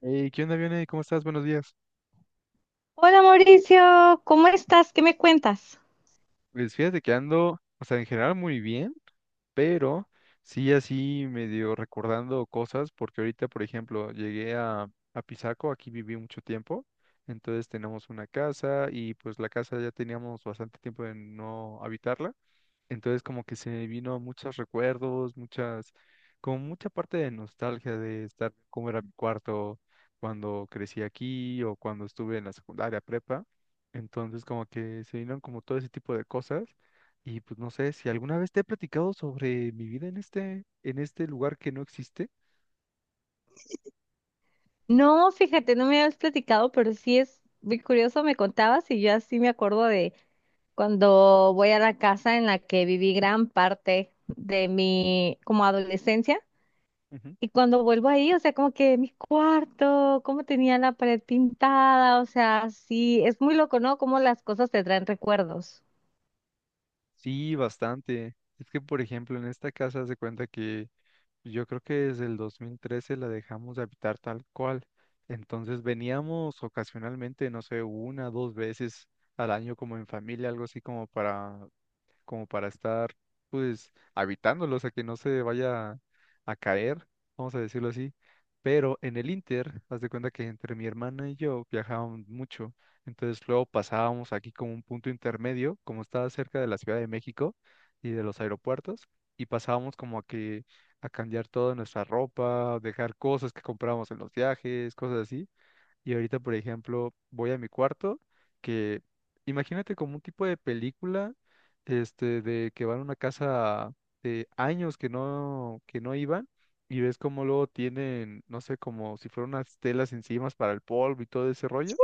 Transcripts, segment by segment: Hey, ¿qué onda, Vione? ¿Cómo estás? Buenos días. Hola Mauricio, ¿cómo estás? ¿Qué me cuentas? Pues fíjate que ando, o sea, en general muy bien, pero sí así medio recordando cosas, porque ahorita, por ejemplo, llegué a Pisaco, aquí viví mucho tiempo. Entonces tenemos una casa y pues la casa ya teníamos bastante tiempo de no habitarla. Entonces como que se me vino muchos recuerdos, como mucha parte de nostalgia de estar, cómo era mi cuarto cuando crecí aquí o cuando estuve en la secundaria prepa. Entonces como que se vinieron como todo ese tipo de cosas. Y pues no sé si alguna vez te he platicado sobre mi vida en este lugar que no existe. No, fíjate, no me habías platicado, pero sí es muy curioso, me contabas y yo así me acuerdo de cuando voy a la casa en la que viví gran parte de mi como adolescencia Ujú. y cuando vuelvo ahí, o sea, como que mi cuarto, cómo tenía la pared pintada, o sea, sí, es muy loco, ¿no? Cómo las cosas te traen recuerdos. Sí, bastante. Es que, por ejemplo, en esta casa se cuenta que yo creo que desde el 2013 la dejamos de habitar tal cual. Entonces veníamos ocasionalmente, no sé, una, dos veces al año como en familia, algo así como para, estar pues habitándolos a que no se vaya a caer, vamos a decirlo así. Pero en el Inter, haz de cuenta que entre mi hermana y yo viajábamos mucho, entonces luego pasábamos aquí como un punto intermedio, como estaba cerca de la Ciudad de México y de los aeropuertos, y pasábamos como a cambiar toda nuestra ropa, dejar cosas que comprábamos en los viajes, cosas así. Y ahorita, por ejemplo, voy a mi cuarto, que, imagínate, como un tipo de película, este, de que van a una casa de años que no iban, y ves como luego tienen, no sé, como si fueran unas telas encima para el polvo y todo ese rollo.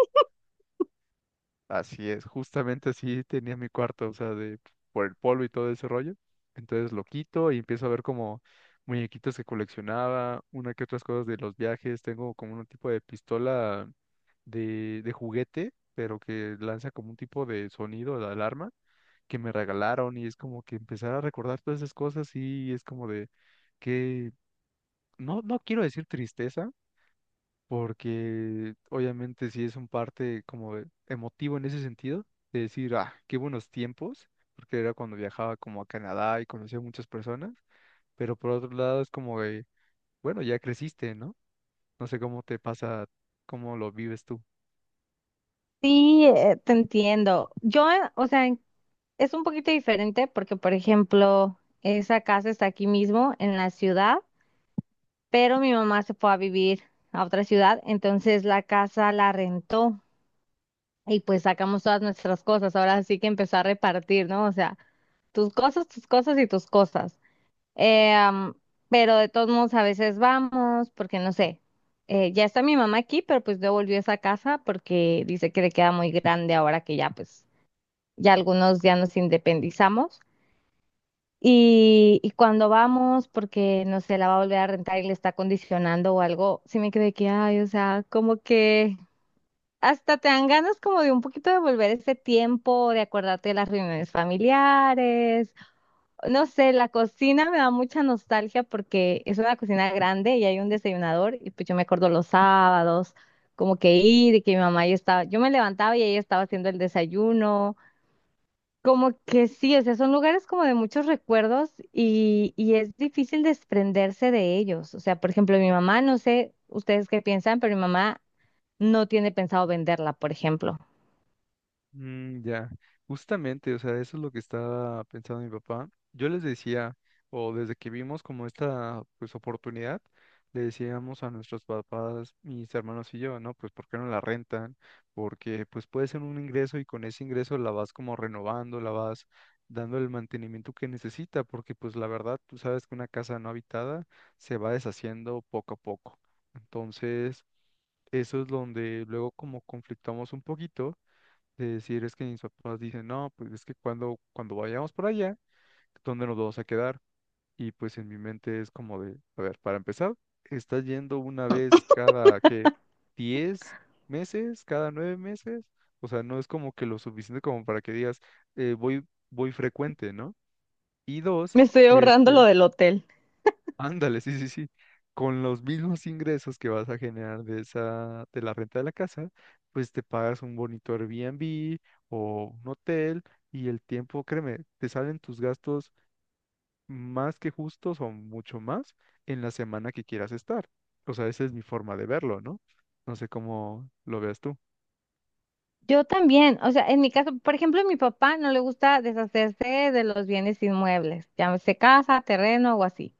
Así es, justamente así tenía mi cuarto, o sea, de por el polvo y todo ese rollo. Entonces lo quito y empiezo a ver como muñequitos que coleccionaba, una que otras cosas de los viajes, tengo como un tipo de pistola de juguete, pero que lanza como un tipo de sonido de alarma que me regalaron, y es como que empezar a recordar todas esas cosas, y es como de que no, no quiero decir tristeza, porque obviamente sí es un parte como emotivo en ese sentido, de decir, ah, qué buenos tiempos, porque era cuando viajaba como a Canadá y conocía a muchas personas, pero por otro lado es como de, bueno, ya creciste, ¿no? No sé cómo te pasa, cómo lo vives tú. Sí, te entiendo. Yo, o sea, es un poquito diferente porque, por ejemplo, esa casa está aquí mismo en la ciudad, pero mi mamá se fue a vivir a otra ciudad, entonces la casa la rentó y pues sacamos todas nuestras cosas. Ahora sí que empezó a repartir, ¿no? O sea, tus cosas y tus cosas. Eh, am, pero de todos modos a veces vamos porque, no sé, ya está mi mamá aquí, pero pues devolvió esa casa porque dice que le queda muy grande ahora que ya pues ya algunos ya nos independizamos. Y cuando vamos, porque no sé, la va a volver a rentar y le está condicionando o algo, sí me quedé que, ay, o sea, como que hasta te dan ganas como de un poquito de volver ese tiempo, de acordarte de las reuniones familiares. No sé, la cocina me da mucha nostalgia porque es una cocina grande y hay un desayunador y pues yo me acuerdo los sábados, como que ir y que mi mamá ya estaba, yo me levantaba y ella estaba haciendo el desayuno. Como que sí, o sea, son lugares como de muchos recuerdos y es difícil desprenderse de ellos. O sea, por ejemplo, mi mamá, no sé ustedes qué piensan, pero mi mamá no tiene pensado venderla, por ejemplo. Mm, ya, justamente, o sea, eso es lo que estaba pensando mi papá. Yo les decía, o desde que vimos como esta, pues, oportunidad, le decíamos a nuestros papás, mis hermanos y yo, ¿no? Pues, ¿por qué no la rentan? Porque, pues, puede ser un ingreso y con ese ingreso la vas como renovando, la vas dando el mantenimiento que necesita, porque, pues, la verdad, tú sabes que una casa no habitada se va deshaciendo poco a poco. Entonces, eso es donde luego como conflictamos un poquito, de decir, es que mis papás dicen, no, pues es que cuando vayamos por allá, ¿dónde nos vamos a quedar? Y pues en mi mente es como de, a ver, para empezar, estás yendo una vez cada, ¿qué?, 10 meses, cada 9 meses. O sea, no es como que lo suficiente como para que digas, voy frecuente, ¿no? Y dos, Me estoy ahorrando lo este, del hotel. ándale, sí, sí, sí. Con los mismos ingresos que vas a generar de la renta de la casa, pues te pagas un bonito Airbnb o un hotel, y el tiempo, créeme, te salen tus gastos más que justos, o mucho más, en la semana que quieras estar. O sea, esa es mi forma de verlo, ¿no? No sé cómo lo veas tú. Yo también, o sea, en mi caso, por ejemplo, a mi papá no le gusta deshacerse de los bienes inmuebles, llámese casa, terreno o así.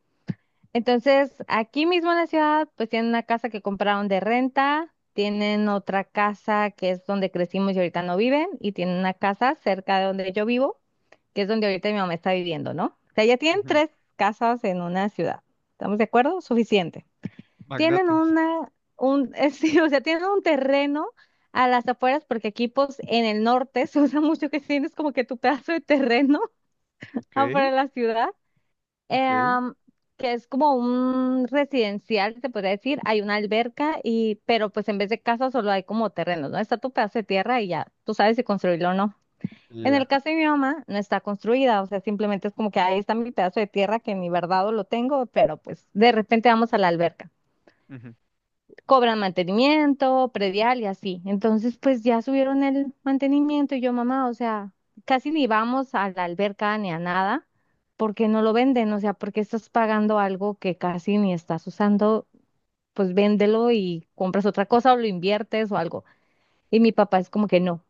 Entonces, aquí mismo en la ciudad, pues tienen una casa que compraron de renta, tienen otra casa que es donde crecimos y ahorita no viven, y tienen una casa cerca de donde yo vivo, que es donde ahorita mi mamá está viviendo, ¿no? O sea, ya tienen Ujú. tres casas en una ciudad. ¿Estamos de acuerdo? Suficiente. Tienen Magnate. una, un, sí, o sea, tienen un terreno a las afueras, porque aquí, pues, en el norte se usa mucho que tienes como que tu pedazo de terreno Ok, afuera de la ciudad, ok, em, que es como un residencial, se podría decir, hay una alberca y, pero pues en vez de casa solo hay como terrenos, ¿no? Está tu pedazo de tierra y ya, tú sabes si construirlo o no. En el ya. caso de mi mamá, no está construida, o sea, simplemente es como que ahí está mi pedazo de tierra que ni verdad lo tengo, pero pues de repente vamos a la alberca, Ujú. cobran mantenimiento, predial y así. Entonces, pues ya subieron el mantenimiento y yo, mamá, o sea, casi ni vamos a la alberca ni a nada porque no lo venden, o sea, porque estás pagando algo que casi ni estás usando, pues véndelo y compras otra cosa o lo inviertes o algo. Y mi papá es como que no,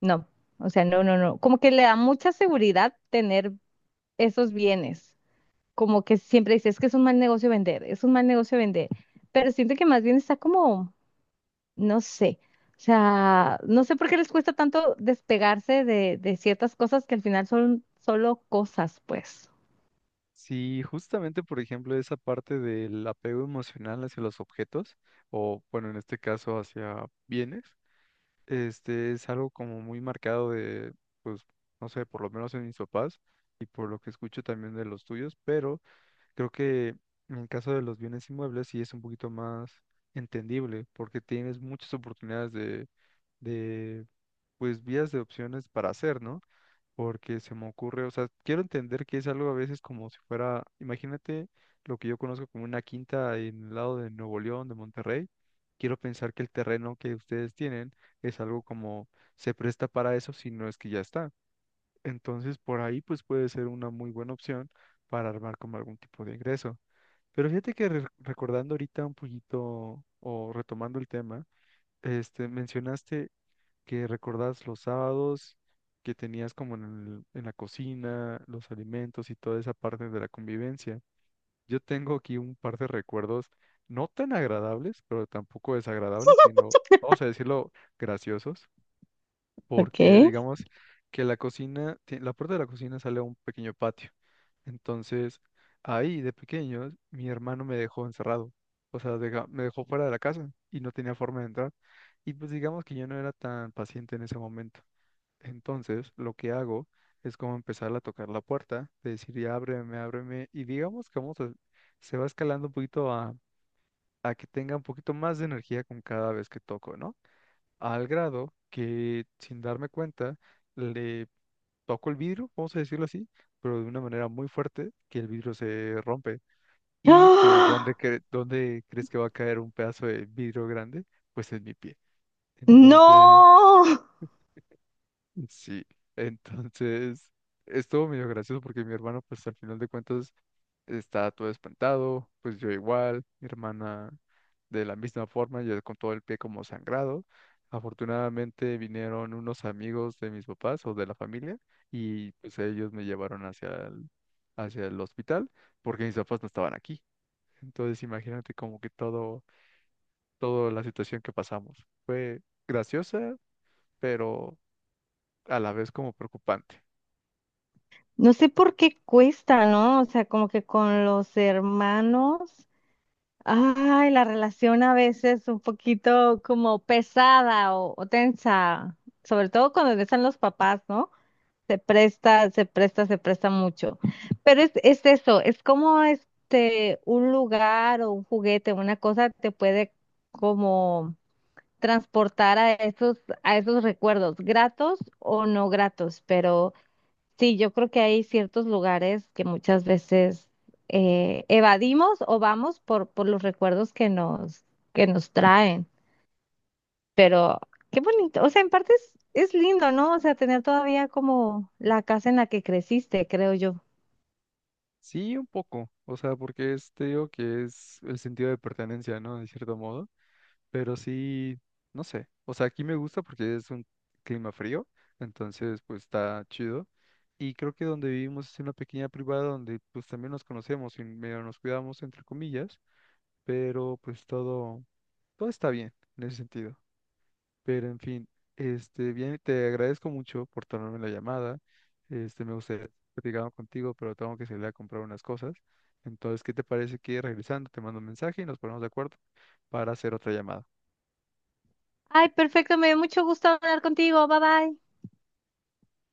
no, o sea, no, como que le da mucha seguridad tener esos bienes, como que siempre dice, es que es un mal negocio vender, es un mal negocio vender, pero siento que más bien está como no sé. O sea, no sé por qué les cuesta tanto despegarse de ciertas cosas que al final son solo cosas, pues. Sí, justamente, por ejemplo, esa parte del apego emocional hacia los objetos, o bueno, en este caso hacia bienes, este es algo como muy marcado de, pues, no sé, por lo menos en mis papás y por lo que escucho también de los tuyos, pero creo que en el caso de los bienes inmuebles sí es un poquito más entendible porque tienes muchas oportunidades de, pues, vías de opciones para hacer, ¿no? Porque se me ocurre, o sea, quiero entender que es algo a veces como si fuera, imagínate, lo que yo conozco como una quinta en el lado de Nuevo León, de Monterrey. Quiero pensar que el terreno que ustedes tienen es algo como, se presta para eso, si no es que ya está. Entonces, por ahí pues puede ser una muy buena opción para armar como algún tipo de ingreso. Pero fíjate que recordando ahorita un poquito, o retomando el tema, este, mencionaste que recordás los sábados que tenías como en la cocina, los alimentos y toda esa parte de la convivencia. Yo tengo aquí un par de recuerdos no tan agradables, pero tampoco desagradables, sino, vamos a decirlo, graciosos, porque Ok. digamos que la cocina, la puerta de la cocina sale a un pequeño patio. Entonces, ahí de pequeño, mi hermano me dejó encerrado. O sea, me dejó fuera de la casa y no tenía forma de entrar. Y pues digamos que yo no era tan paciente en ese momento. Entonces, lo que hago es como empezar a tocar la puerta, de decir, ya ábreme, ábreme, y digamos que, se va escalando un poquito a que tenga un poquito más de energía con cada vez que toco, ¿no? Al grado que, sin darme cuenta, le toco el vidrio, vamos a decirlo así, pero de una manera muy fuerte, que el vidrio se rompe. Y pues, ¿dónde, ¡Ah! cre- dónde crees que va a caer un pedazo de vidrio grande? Pues en mi pie. Entonces, ¡No! sí, entonces estuvo medio gracioso porque mi hermano, pues al final de cuentas, está todo espantado, pues yo igual, mi hermana de la misma forma, yo con todo el pie como sangrado. Afortunadamente vinieron unos amigos de mis papás o de la familia y pues ellos me llevaron hacia el, hospital, porque mis papás no estaban aquí. Entonces imagínate como que toda la situación que pasamos. Fue graciosa, pero a la vez como preocupante. No sé por qué cuesta, ¿no? O sea, como que con los hermanos, ay, la relación a veces un poquito como pesada o tensa, sobre todo cuando están los papás, ¿no? Se presta mucho. Pero es eso, es como este, un lugar o un juguete, una cosa te puede como transportar a esos recuerdos, gratos o no gratos. Pero sí, yo creo que hay ciertos lugares que muchas veces evadimos o vamos por los recuerdos que nos traen. Pero qué bonito, o sea, en parte es lindo, ¿no? O sea, tener todavía como la casa en la que creciste, creo yo. Sí, un poco, o sea, porque es, te digo que es el sentido de pertenencia, ¿no? De cierto modo, pero sí, no sé, o sea, aquí me gusta porque es un clima frío, entonces pues está chido, y creo que donde vivimos es una pequeña privada donde pues también nos conocemos y medio nos cuidamos, entre comillas, pero pues todo, está bien en ese sentido. Pero en fin, este, bien, te agradezco mucho por tomarme la llamada. Este, me gustaría haber platicado contigo, pero tengo que salir a comprar unas cosas. Entonces, ¿qué te parece que regresando te mando un mensaje y nos ponemos de acuerdo para hacer otra llamada? Ay, perfecto, me dio mucho gusto hablar contigo. Bye bye.